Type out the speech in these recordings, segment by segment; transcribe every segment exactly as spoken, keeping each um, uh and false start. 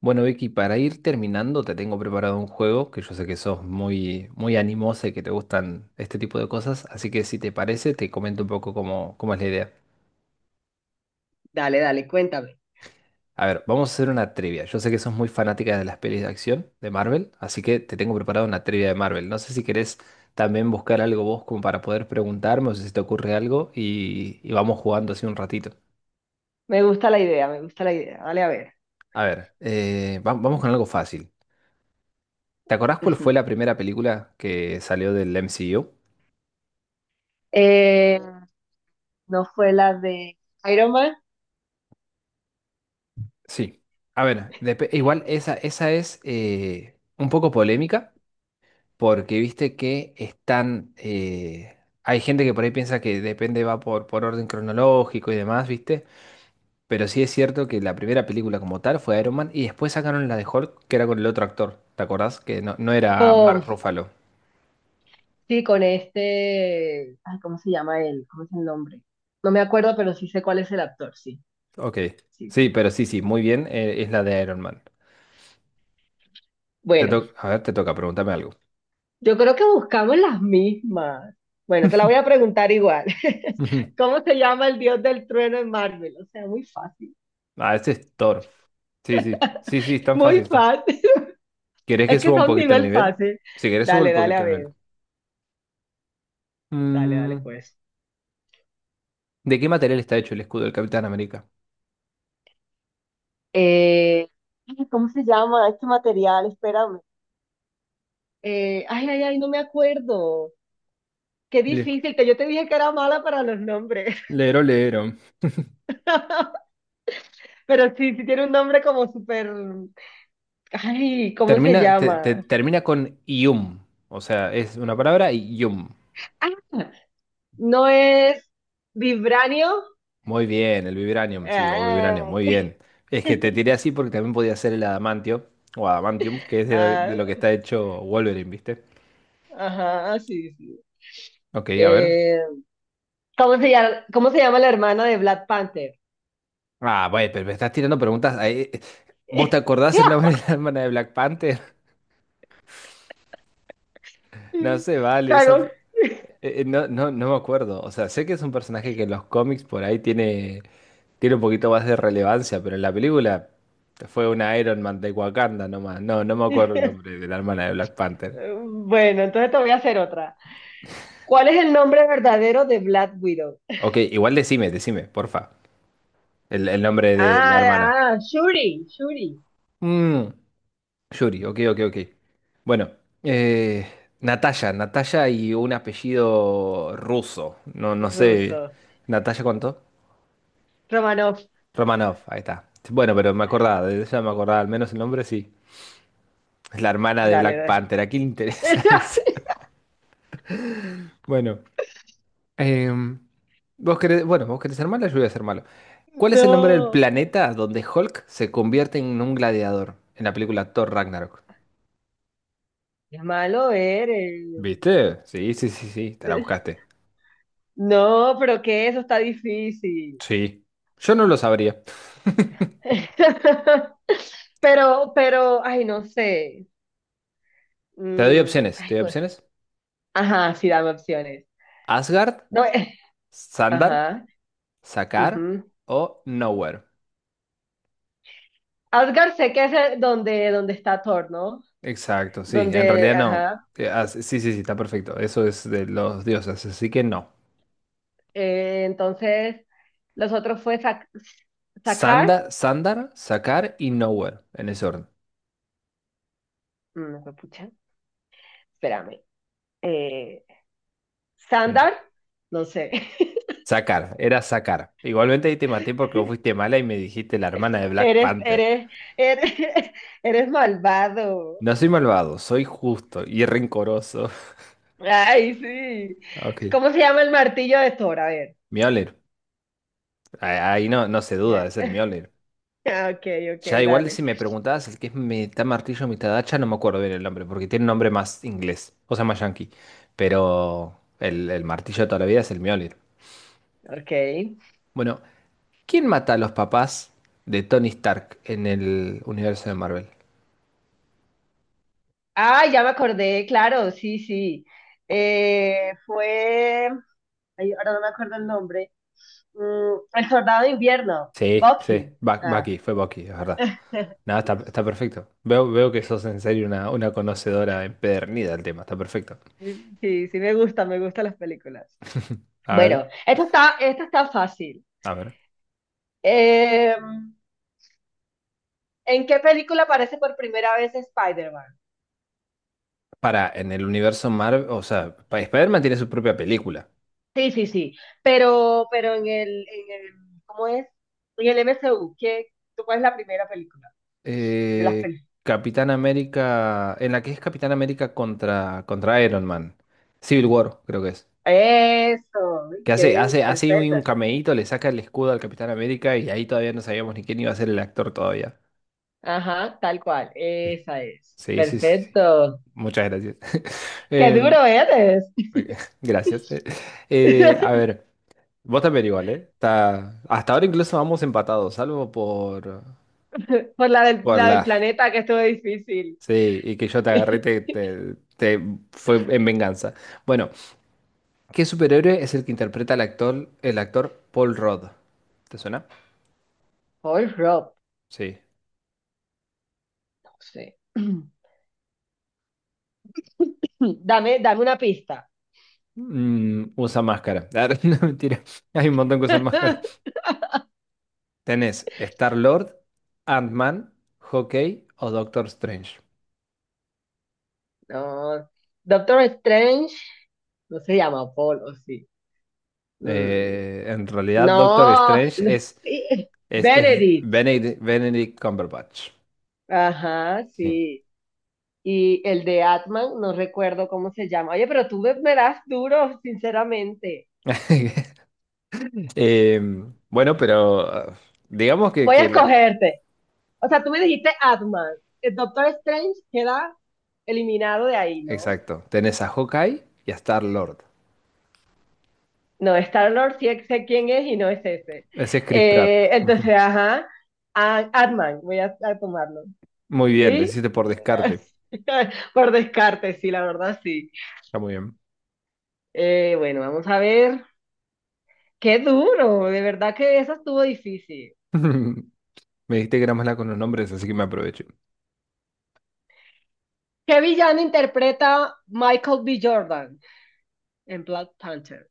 Bueno, Vicky, para ir terminando, te tengo preparado un juego que yo sé que sos muy, muy animosa y que te gustan este tipo de cosas, así que si te parece, te comento un poco cómo, cómo es la idea. Dale, dale, cuéntame. A ver, vamos a hacer una trivia. Yo sé que sos muy fanática de las pelis de acción de Marvel, así que te tengo preparado una trivia de Marvel. No sé si querés también buscar algo vos como para poder preguntarme o si se te ocurre algo y, y vamos jugando así un ratito. Me gusta la idea, me gusta la idea. Dale a ver. A ver, eh, va- vamos con algo fácil. ¿Te acordás cuál fue Ujú. la primera película que salió del M C U? Eh, no fue la de Iron Man Sí. A ver, dep- igual esa, esa es eh, un poco polémica porque viste que están... eh, Hay gente que por ahí piensa que depende, va por, por orden cronológico y demás, ¿viste? Pero sí es cierto que la primera película como tal fue Iron Man y después sacaron la de Hulk que era con el otro actor, ¿te acordás? Que no, no era Mark con, Ruffalo. sí, con este, ay, ¿cómo se llama él? ¿Cómo es el nombre? No me acuerdo, pero sí sé cuál es el actor, sí, Ok. sí, sí. Sí, pero sí, sí, muy bien, eh, es la de Iron Man. Te Bueno, to- A ver, te toca, pregúntame algo. yo creo que buscamos las mismas. Bueno, te la voy a preguntar igual. Ujú. ¿Cómo se llama el dios del trueno en Marvel? O sea, muy fácil, Ah, este es Thor. Sí, sí, sí, sí, es tan muy fácil, ¿no? fácil. ¿Querés que Es que suba un son poquito el nivel nivel? fácil. Si querés, subo un Dale, dale poquito a el ver. nivel. Dale, dale, Mm, pues. ¿de qué material está hecho el escudo del Capitán América? Eh, ay, ¿cómo se llama este material? Espérame. Eh, ay, ay, ay, no me acuerdo. Qué Le- difícil, que yo te dije que era mala para los nombres. Lero, lero. Pero sí, sí tiene un nombre como súper... Ay, ¿cómo se Termina, te- te- llama? termina con ium. O sea, es una palabra y ium. Ah, no es vibranio. Muy bien, el vibranium, sí, o Ah, vibranium, muy bien. Es que te tiré así porque también podía ser el adamantio, o adamantium, que es de, de ah, lo que está hecho Wolverine, ¿viste? ajá, sí, sí. Ok, a ver. Eh, ¿cómo se llama, cómo se llama la hermana de Black Panther? Ah, bueno, pero me estás tirando preguntas ahí. ¿Vos te acordás el nombre de la hermana de Black Panther? No se vale, esa. Claro. Eh, eh, no, no, no me acuerdo. O sea, sé que es un personaje que en los cómics por ahí tiene, tiene un poquito más de relevancia, pero en la película fue una Iron Man de Wakanda nomás. No, no me acuerdo el nombre de la hermana de Black Panther. Bueno, entonces te voy a hacer otra. ¿Cuál es el nombre verdadero de Black Widow? Ok, igual decime, decime, porfa. El, el nombre de la hermana. Ah, ah, Shuri, Shuri. Mm, Yuri, ok, ok, ok. Bueno, eh, Natalia, Natalia y un apellido ruso. No, no sé. Ruso. ¿Natalia cuánto? Romanov. Romanov, ahí está. Bueno, pero me acordaba, de ella me acordaba al menos el nombre, sí. Es la hermana de Dale, Black dale. Panther. ¿A quién le interesa eso? Bueno, em, vos querés, bueno, vos querés ser malo, yo voy a ser malo. ¿Cuál es el nombre del No, planeta donde Hulk se convierte en un gladiador en la película Thor Ragnarok? es malo eres. ¿Viste? Sí, sí, sí, sí, te la buscaste. No, pero que eso está difícil. Sí. Yo no lo sabría. Pero, pero, ay, no sé. Te doy Mm, opciones, ay, te doy pues. opciones. Ajá, sí, dame opciones. Asgard, No, eh, Sandar, ajá. Sakaar Ujú. o Nowhere. Asgard sé que es eh, donde, donde está Thor, ¿no? Exacto, sí, en Donde, realidad no. ajá. Eh, as- Sí, sí, sí, está perfecto. Eso es de los dioses, así que no. Eh, entonces, los otros fue Zak- Zakar, Sanda, Sandar, Sakar y Nowhere, en ese orden. no fue pucha, espérame, eh, Mm. Sandar, no sé, Sakar, era Sakar. Igualmente ahí te maté porque vos fuiste mala y me dijiste la hermana de Black eres, Panther. eres, eres, eres malvado. No soy malvado, soy justo y rencoroso. Ay, sí. Ok. ¿Cómo se llama el martillo de Thor? A ver. Mjolnir. Ah, ahí no, no se duda, es el Mjolnir. Eh, ah, Ok, ok, Ya igual dale. si me preguntabas el que es mitad martillo, mitad hacha, no me acuerdo bien el nombre, porque tiene un nombre más inglés, o sea, más yankee. Pero el, el martillo de toda la vida es el Mjolnir. Ok. Bueno, ¿quién mata a los papás de Tony Stark en el universo de Marvel? Ah, ya me acordé, claro, sí, sí. Eh, fue, ay, ahora no me acuerdo el nombre. Mm, el soldado de invierno, Sí, sí, Bucky. Ba- Ah, Bucky, fue Bucky, es verdad. Nada, está, está perfecto. Veo, veo que sos en serio una, una conocedora empedernida del tema, está perfecto. sí, sí me gusta, me gustan las películas. A Bueno, ver, esta está, esta está fácil. a ver. Eh, ¿en qué película aparece por primera vez Spider-Man? Para, en el universo Marvel, o sea, pa- Spider-Man tiene su propia película. Sí, sí, sí. Pero, pero en el, en el, ¿cómo es? En el M C U, ¿qué, tú cuál es la primera película de las Eh, películas? Capitán América, en la que es Capitán América contra, contra Iron Man. Civil War, creo que es. Eso, Que hace, qué hace, hace un, un perfecta. cameíto, le saca el escudo al Capitán América y ahí todavía no sabíamos ni quién iba a ser el actor todavía. Ajá, tal cual, esa es. Sí, sí, sí, sí. sí. Perfecto. Muchas gracias. Qué Em, duro eres. gracias. Eh, a ver, vos también igual, ¿eh? Está- hasta ahora incluso vamos empatados, salvo por, Por la del, por la del la... planeta que estuvo difícil. Sí, y que yo te agarré, te, te, te- fue en venganza. Bueno, ¿qué superhéroe es el que interpreta al actor, el actor Paul Rudd? ¿Te suena? Paul Rob, Sí. no sé. Dame, dame una pista. Mm, usa máscara. Ah, no, mentira. Hay un montón que usan máscara. Tenés Star-Lord, Ant-Man, Hawkeye o Doctor Strange. No, Doctor Strange no se llama Paul, o sí. Mm, Eh, en realidad, Doctor no, Strange es, es, es Benedict. Benedict, Benedict Cumberbatch. Ajá, Sí. sí. Y el de Atman, no recuerdo cómo se llama. Oye, pero tú me, me das duro, sinceramente. Eh, bueno, pero ah, digamos que, Voy a que la- escogerte. O sea, tú me dijiste Atman. El Doctor Strange queda eliminado de ahí, ¿no? Exacto. Tenés a Hawkeye y a Star-Lord. No, Star-Lord sí sé quién es y no es ese. Ese es Chris Pratt. Eh, Ujú. entonces, ajá, a- Ant-Man, voy a, a tomarlo. Muy bien, lo ¿Sí? hiciste por descarte. Por descarte, sí, la verdad sí. Está muy bien. Eh, bueno, vamos a ver. Qué duro, de verdad que eso estuvo difícil. Me dijiste que era mala con los nombres, así que me aprovecho. ¿Qué villano interpreta Michael B. Jordan en Black Panther?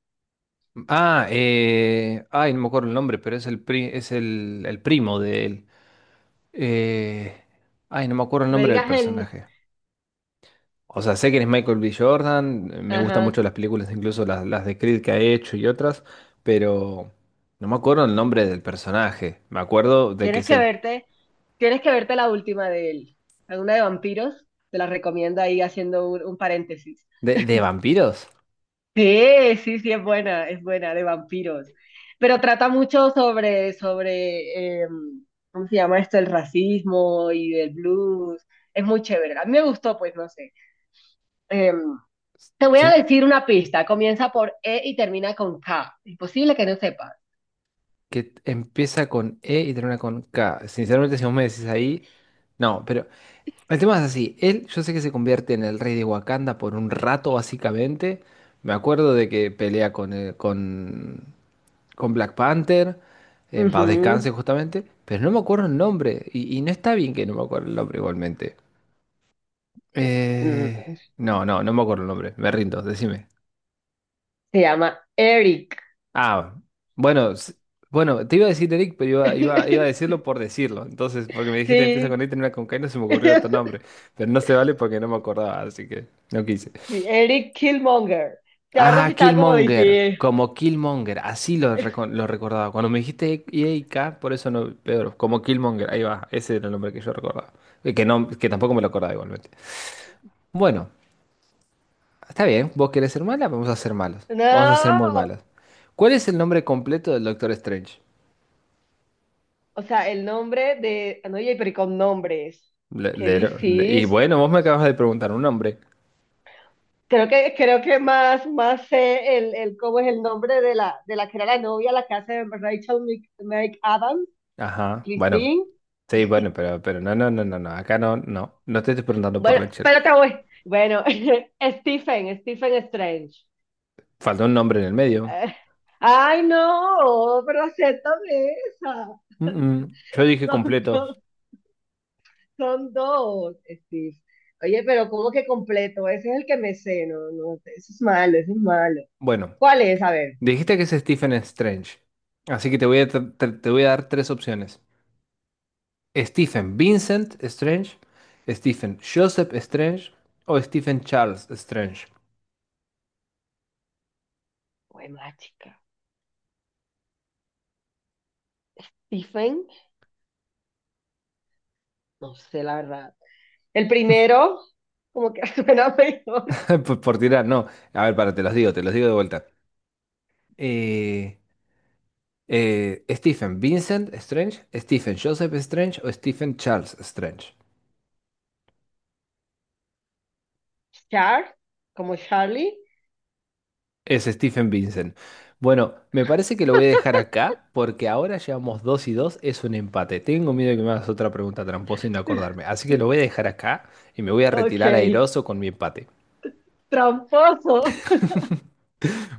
Ah, eh, ay, no me acuerdo el nombre, pero es el pri- es el, el primo de él. Eh, ay, no me acuerdo el Me nombre del digas el... personaje. O sea, sé que es Michael B. Jordan, eh, me gustan Ajá, mucho las películas, incluso las, las de Creed que ha hecho y otras, pero no me acuerdo el nombre del personaje. Me acuerdo de que tienes es que el... verte, tienes que verte la última de él. Alguna de vampiros, te la recomiendo ahí haciendo un un paréntesis. ¿De, de vampiros? Sí, sí, sí, es buena, es buena, de vampiros. Pero trata mucho sobre, sobre, em, ¿cómo se llama esto? El racismo y del blues. Es muy chévere. A mí me gustó, pues no sé. Em, te voy a Sí, decir una pista. Comienza por E y termina con K. Imposible que no sepas. que empieza con E y termina con K. Sinceramente, si vos me decís ahí, no, pero... El tema es así, él yo sé que se convierte en el rey de Wakanda por un rato básicamente. Me acuerdo de que pelea con, eh, con, con Black Panther, en paz Ujú. descanse justamente, pero no me acuerdo el nombre y, y no está bien que no me acuerdo el nombre igualmente. Eh, Mm, no, no, no me acuerdo el nombre, me rindo, decime. se llama Eric. Ah, bueno, s- bueno, te iba a decir Eric, pero iba, iba, iba a decirlo por decirlo. Entonces, porque me dijiste empieza Sí. con E y termina con K, y no se me ocurrió otro nombre, pero no se vale porque no me acordaba, así que no quise. Sí, Eric Killmonger. La verdad sí Ah, estaba como Killmonger, difícil. como Killmonger, así lo, reco- lo recordaba. Cuando me dijiste E A K, por eso no, Pedro, como Killmonger, ahí va, ese era el nombre que yo recordaba. Y que, no, que tampoco me lo acordaba igualmente. Bueno, está bien, vos querés ser mala, vamos a ser malos, vamos a ser muy No. malos. ¿Cuál es el nombre completo del Doctor Strange? O sea, el nombre de. Ah, no, oye pero y con nombres. Le- Qué le- le- y difícil. bueno, vos me acabas de preguntar un nombre. Creo que, creo que más, más sé el, el cómo es el nombre de la, de la que era la novia, la que hace Rachel Mc- McAdams, Ajá, bueno, Christine. sí, bueno, pero, pero no, no, no, no, no, acá no, no, no te estoy preguntando por Bueno, Rachel. pero te voy. Bueno, Stephen, Stephen Strange. Falta un nombre en el medio. Eh, Ay, no, pero acéptame esa. Mm, mm, Yo dije Son completo. dos, son dos, Steve. Oye, pero ¿cómo que completo? Ese es el que me sé, no, no, eso es malo, eso es malo. Bueno, ¿Cuál es? A ver. dijiste que es Stephen Strange. Así que te voy a, tr- tr- te voy a dar tres opciones. Stephen Vincent Strange, Stephen Joseph Strange o Stephen Charles Strange. Bueno, chica. Stephen, no sé la verdad. El primero, como que suena mejor. Por, por tirar, no. A ver, para, te los digo, te los digo de vuelta. Eh, eh, Stephen Vincent Strange, Stephen Joseph Strange o Stephen Charles Strange. Char, como Charlie. Es Stephen Vincent. Bueno, me parece que lo voy a dejar acá porque ahora llevamos dos y dos, es un empate. Tengo miedo de que me hagas otra pregunta tramposa y no acordarme. Así que lo voy a dejar acá y me voy a Ok, retirar airoso con mi empate. tramposo.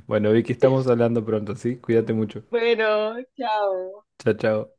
Bueno, Vicky, estamos hablando pronto, ¿sí? Cuídate mucho. Bueno, chao. Chao, chao.